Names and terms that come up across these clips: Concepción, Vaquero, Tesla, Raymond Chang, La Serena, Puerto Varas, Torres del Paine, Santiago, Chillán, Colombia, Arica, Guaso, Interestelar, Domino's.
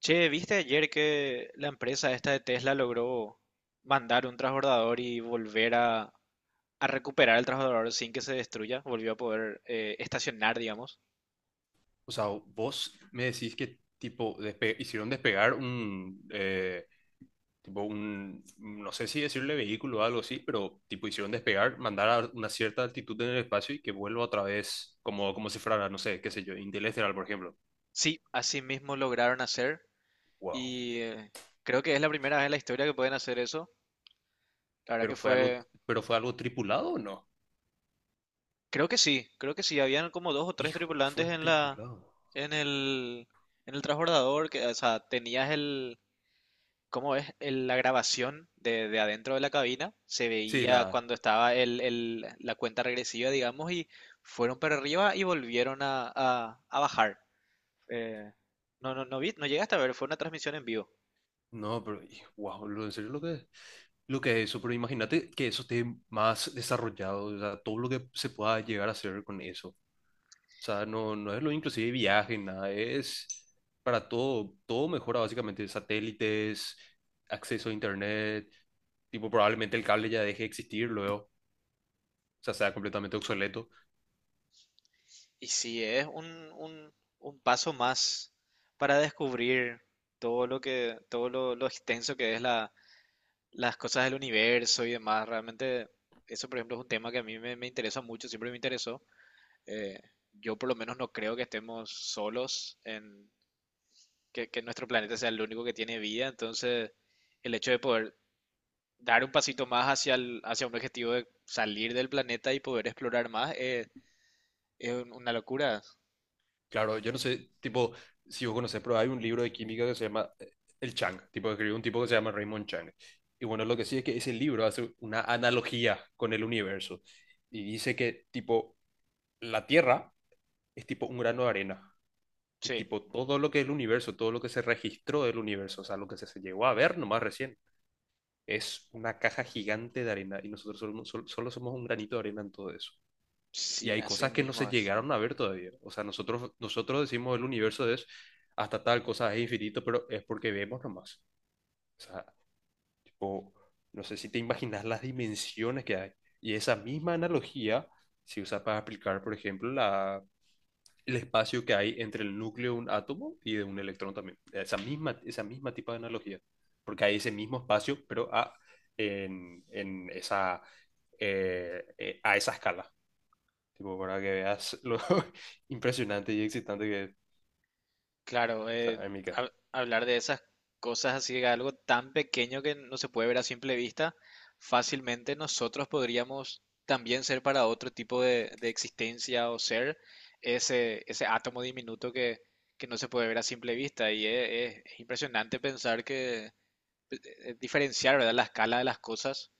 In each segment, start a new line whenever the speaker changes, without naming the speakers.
Che, ¿viste ayer que la empresa esta de Tesla logró mandar un transbordador y volver a recuperar el transbordador sin que se destruya? Volvió a poder estacionar, digamos.
O sea, vos me decís que tipo hicieron despegar un tipo un, no sé si decirle vehículo o algo así, pero tipo hicieron despegar, mandar a una cierta altitud en el espacio y que vuelva otra vez como si fuera, no sé, qué sé yo, Interestelar, por ejemplo.
Sí, así mismo lograron hacer
Wow.
y eh, creo que es la primera vez en la historia que pueden hacer eso. La verdad
Pero
que
fue algo
fue,
pero fue algo tripulado o no?
creo que sí, habían como dos o tres
Hijo,
tripulantes
fue
en la,
tripulado.
en el transbordador, que, o sea, tenías el, ¿cómo es la grabación de adentro de la cabina? Se
Sí, la
veía cuando estaba el, la cuenta regresiva, digamos, y fueron para arriba y volvieron a, a bajar. Eh, no, no, no vi, no llegaste a ver, fue una transmisión en vivo.
no, pero wow, en serio lo que. Lo que es eso, pero imagínate que eso esté más desarrollado, o sea, todo lo que se pueda llegar a hacer con eso. O sea, no, no es lo inclusive viaje, nada, es para todo, todo mejora básicamente, satélites, acceso a internet, tipo probablemente el cable ya deje de existir luego, o sea, sea completamente obsoleto.
Y sí, es un, un- un paso más para descubrir todo lo lo extenso que es la, las cosas del universo y demás. Realmente, eso, por ejemplo, es un tema que a mí me interesa mucho, siempre me interesó. Eh, yo por lo menos no creo que estemos solos en que nuestro planeta sea el único que tiene vida. Entonces, el hecho de poder dar un pasito más hacia un objetivo de salir del planeta y poder explorar más es una locura.
Claro, yo no sé, tipo, si vos conocés, pero hay un libro de química que se llama El Chang, tipo, escribió un tipo que se llama Raymond Chang. Y bueno, lo que sí es que ese libro hace una analogía con el universo y dice que, tipo, la Tierra es tipo un grano de arena. Y
Sí,
tipo, todo lo que es el universo, todo lo que se registró del universo, o sea, lo que se llegó a ver nomás recién, es una caja gigante de arena y nosotros solo, no, solo somos un granito de arena en todo eso. Y
sí,
hay
así
cosas que no se
mismo es.
llegaron a ver todavía. O sea, nosotros decimos el universo es hasta tal cosa es infinito, pero es porque vemos nomás. O sea, tipo, no sé si te imaginas las dimensiones que hay. Y esa misma analogía se usa para aplicar, por ejemplo, la el espacio que hay entre el núcleo de un átomo y de un electrón también. Esa misma tipo de analogía. Porque hay ese mismo espacio, pero a, en esa, a esa escala. Tipo, para que veas lo impresionante y excitante que es.
Claro,
O sea, en mi caso,
hablar de esas cosas así, de algo tan pequeño que no se puede ver a simple vista, fácilmente nosotros podríamos también ser para otro tipo de existencia o ser ese átomo diminuto que no se puede ver a simple vista. Y es, es impresionante pensar diferenciar, ¿verdad?, la escala de las cosas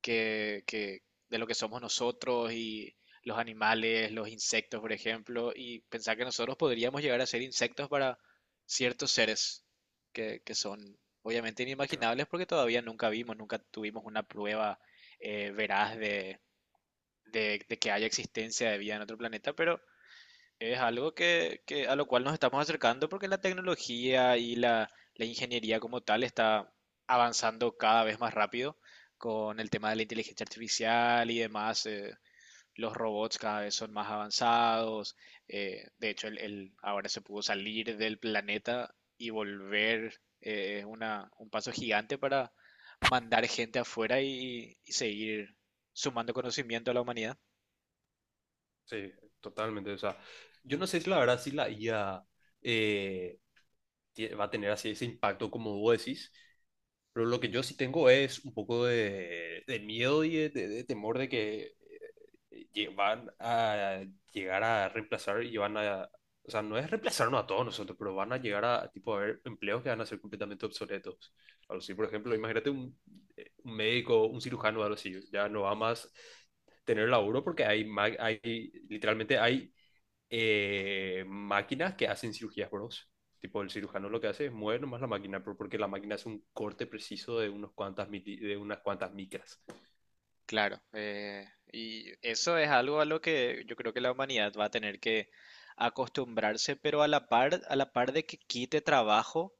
que de lo que somos nosotros y los animales, los insectos, por ejemplo, y pensar que nosotros podríamos llegar a ser insectos para ciertos seres que son obviamente
claro,
inimaginables porque todavía nunca vimos, nunca tuvimos una prueba veraz de que haya existencia de vida en otro planeta, pero es algo que a lo cual nos estamos acercando porque la tecnología y la ingeniería como tal está avanzando cada vez más rápido con el tema de la inteligencia artificial y demás. Los robots cada vez son más avanzados. De hecho, ahora se pudo salir del planeta y volver. Es un paso gigante para mandar gente afuera y seguir sumando conocimiento a la humanidad.
sí, totalmente. O sea, yo no sé si la verdad si la IA eh, va a tener así ese impacto como vos decís. Pero lo que yo sí tengo es un poco de miedo y de, de temor de que van a llegar a reemplazar y van a... O sea, no es reemplazarnos a todos nosotros, pero van a llegar a, tipo, a haber empleos que van a ser completamente obsoletos. Algo así, por ejemplo, imagínate un médico, un cirujano, algo así, ya no va más tener laburo porque hay, hay literalmente hay máquinas que hacen cirugías, bros. Tipo, el cirujano lo que hace es mover nomás la máquina, pero porque la máquina hace un corte preciso de, unos cuantas de unas cuantas micras.
Claro, y eso es algo a lo que yo creo que la humanidad va a tener que acostumbrarse, pero a la par de que quite trabajo,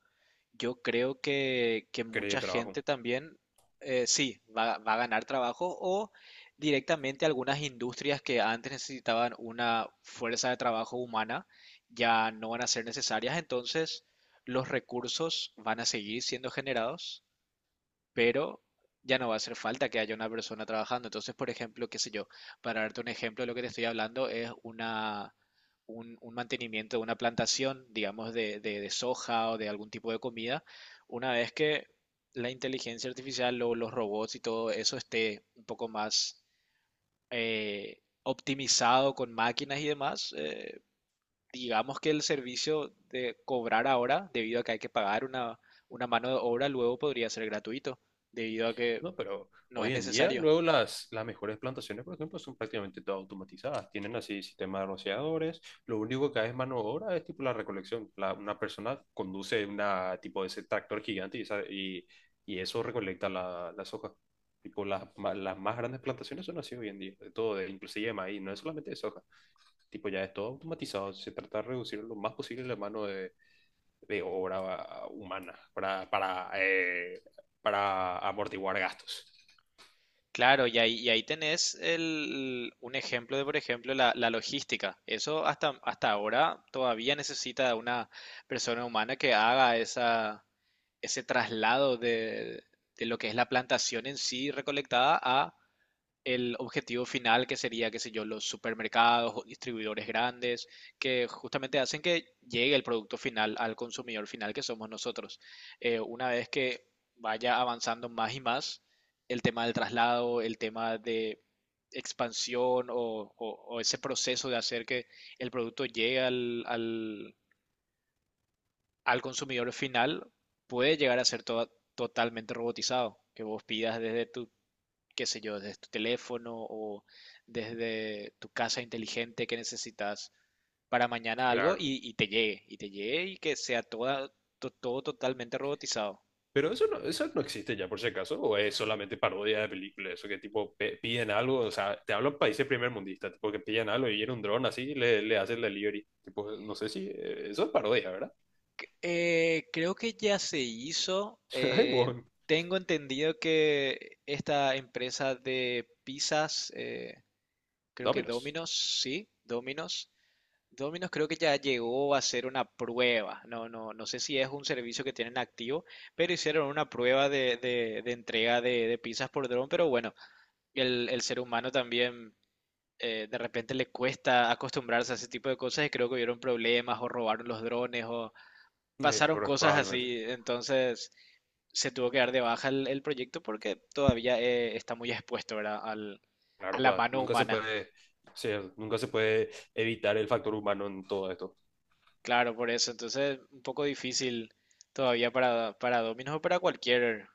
yo creo que
Creo de
mucha
trabajo.
gente también, sí, va a ganar trabajo o directamente algunas industrias que antes necesitaban una fuerza de trabajo humana ya no van a ser necesarias, entonces los recursos van a seguir siendo generados pero ya no va a hacer falta que haya una persona trabajando. Entonces, por ejemplo, qué sé yo, para darte un ejemplo, lo que te estoy hablando es un mantenimiento de una plantación, digamos, de soja o de algún tipo de comida, una vez que la inteligencia artificial o los robots y todo eso esté un poco más optimizado con máquinas y demás, digamos que el servicio de cobrar ahora, debido a que hay que pagar una mano de obra, luego podría ser gratuito, debido a que
No, pero
no es
hoy en día,
necesario.
luego las mejores plantaciones, por ejemplo, son prácticamente todas automatizadas. Tienen así sistemas de rociadores. Lo único que hay es mano de obra es tipo la recolección. Una persona conduce una tipo de ese tractor gigante y, y eso recolecta la, las hojas. Tipo, las, las más grandes plantaciones son así hoy en día, de todo, de, inclusive de maíz, no es solamente de soja. Tipo, ya es todo automatizado. Se trata de reducir lo más posible la mano de obra ah, humana para amortiguar gastos.
Claro, y ahí tenés un ejemplo de, por ejemplo, la, logística. Eso hasta, hasta ahora todavía necesita de una persona humana que haga ese traslado de lo que es la plantación en sí recolectada a el objetivo final que sería, qué sé yo, los supermercados o distribuidores grandes que justamente hacen que llegue el producto final al consumidor final que somos nosotros. Una vez que vaya avanzando más y más, el tema del traslado, el tema de expansión o ese proceso de hacer que el producto llegue al consumidor final puede llegar a ser totalmente robotizado, que vos pidas desde tu qué sé yo, desde tu teléfono o desde tu casa inteligente que necesitas para mañana algo
Claro.
y te llegue, y que sea todo totalmente robotizado.
Pero eso no existe ya, por si acaso, o es solamente parodia de películas, eso que tipo piden algo, o sea, te hablo de países primermundistas, tipo que piden algo y en un dron así le, le hacen la delivery. Tipo, no sé si eso es parodia, ¿verdad?
Creo que ya se hizo.
Ay, bueno,
Tengo entendido que esta empresa de pizzas, creo que
Domino's.
Domino's, sí, Domino's, creo que ya llegó a hacer una prueba. No, no, no sé si es un servicio que tienen activo, pero hicieron una prueba de entrega de pizzas por dron. Pero bueno, el ser humano también de repente le cuesta acostumbrarse a ese tipo de cosas y creo que hubieron problemas o robaron los drones o pasaron
Pero
cosas
probablemente.
así. Entonces se tuvo que dar de baja el proyecto porque todavía está muy expuesto, ¿verdad?, a
Claro,
la
claro,
mano
nunca se
humana.
puede, o sea, nunca se puede evitar el factor humano en todo esto.
Claro, por eso. Entonces, un poco difícil todavía para, Domino's o para cualquier,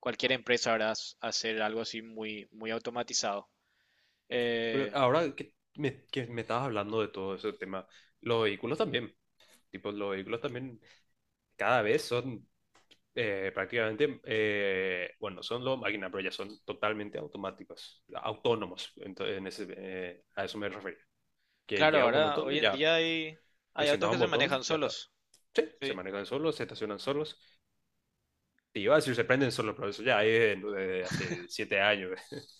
empresa, ¿verdad? Hacer algo así muy, muy automatizado.
Pero
Eh,
ahora que me estabas hablando de todo ese tema, los vehículos también, tipo, los vehículos también cada vez son prácticamente, bueno, son los máquinas, pero ya son totalmente automáticos, autónomos. Entonces, en ese, a eso me refería. Que
claro,
llega un
ahora,
momento
hoy
donde
en
ya,
día hay, autos
presionado
que
un
se
botón,
manejan
ya está.
solos,
Sí, se
¿sí?
manejan solos, se estacionan solos. Y iba a decir, se prenden solos, pero eso ya es desde hace 7 años.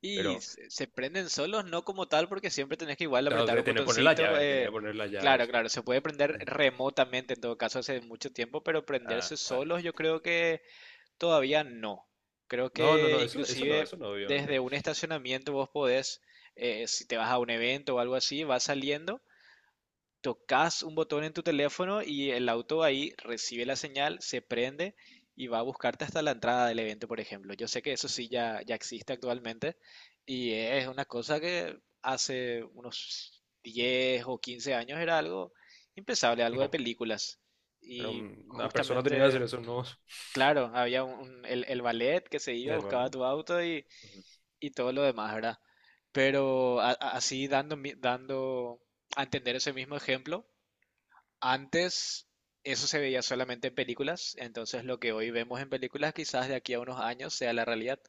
Y
pero
se prenden solos, no como tal, porque siempre tenés que igual
no,
apretar
usted
un
tiene que poner la
botoncito.
llave, tiene que poner la llave,
Claro,
sí.
claro, se puede prender remotamente en todo caso hace mucho tiempo, pero
Ah,
prenderse
ay.
solos yo creo que todavía no. Creo
No, no, no,
que
eso,
inclusive
eso no,
desde
obviamente.
un estacionamiento vos podés, si te vas a un evento o algo así, vas saliendo, tocas un botón en tu teléfono y el auto ahí recibe la señal, se prende y va a buscarte hasta la entrada del evento, por ejemplo. Yo sé que eso sí ya existe actualmente y es una cosa que hace unos 10 o 15 años era algo impensable, algo de
No,
películas.
pero
Y
una persona tenía que hacer
justamente
eso, no.
claro, había el ballet que se iba,
Es
buscaba
malo.
tu auto y todo lo demás, ¿verdad? Pero así dando, dando a entender ese mismo ejemplo, antes eso se veía solamente en películas, entonces lo que hoy vemos en películas quizás de aquí a unos años sea la realidad.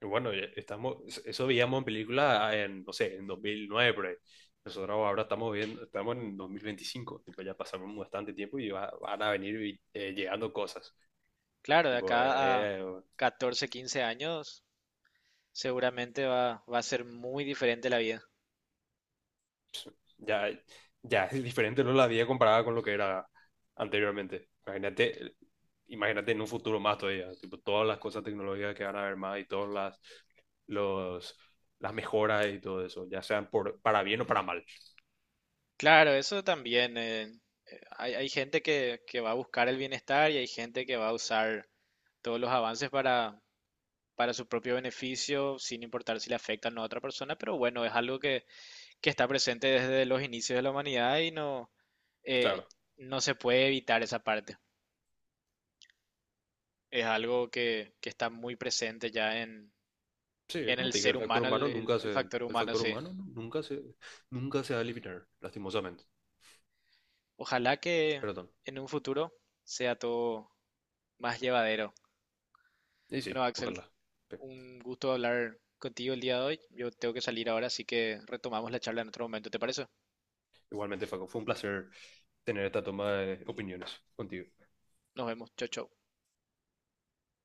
Bueno, ya estamos, eso veíamos en película ah, en, no sé, en 2009, por ahí. Nosotros ahora estamos viendo, estamos en 2025, tipo, ya pasamos bastante tiempo y van a venir llegando cosas.
Claro, de
Tipo,
acá a 14 15 años seguramente va a ser muy diferente la vida.
ya, ya es diferente, ¿no? La vida comparada con lo que era anteriormente. Imagínate, imagínate en un futuro más todavía, tipo, todas las cosas tecnológicas que van a haber más y todas las, los, las mejoras y todo eso, ya sean por, para bien o para mal.
Claro, eso también. Hay, gente que va a buscar el bienestar y hay gente que va a usar todos los avances para, su propio beneficio, sin importar si le afectan a otra persona, pero bueno, es algo que, está presente desde los inicios de la humanidad y no, eh,
Claro.
no se puede evitar esa parte. Es algo que está muy presente ya en,
Sí,
en
como
el
te dije,
ser
el factor
humano, el,
humano
el-
nunca
el
se,
factor
el
humano,
factor
sí.
humano nunca se, nunca se va a eliminar, lastimosamente.
Ojalá que
Perdón.
en un futuro sea todo más llevadero.
Y sí,
Bueno, Axel,
ojalá. Pero
un gusto hablar contigo el día de hoy. Yo tengo que salir ahora, así que retomamos la charla en otro momento, ¿te parece?
igualmente, Facu, fue un placer tener esta toma de opiniones contigo.
Nos vemos. Chau, chau.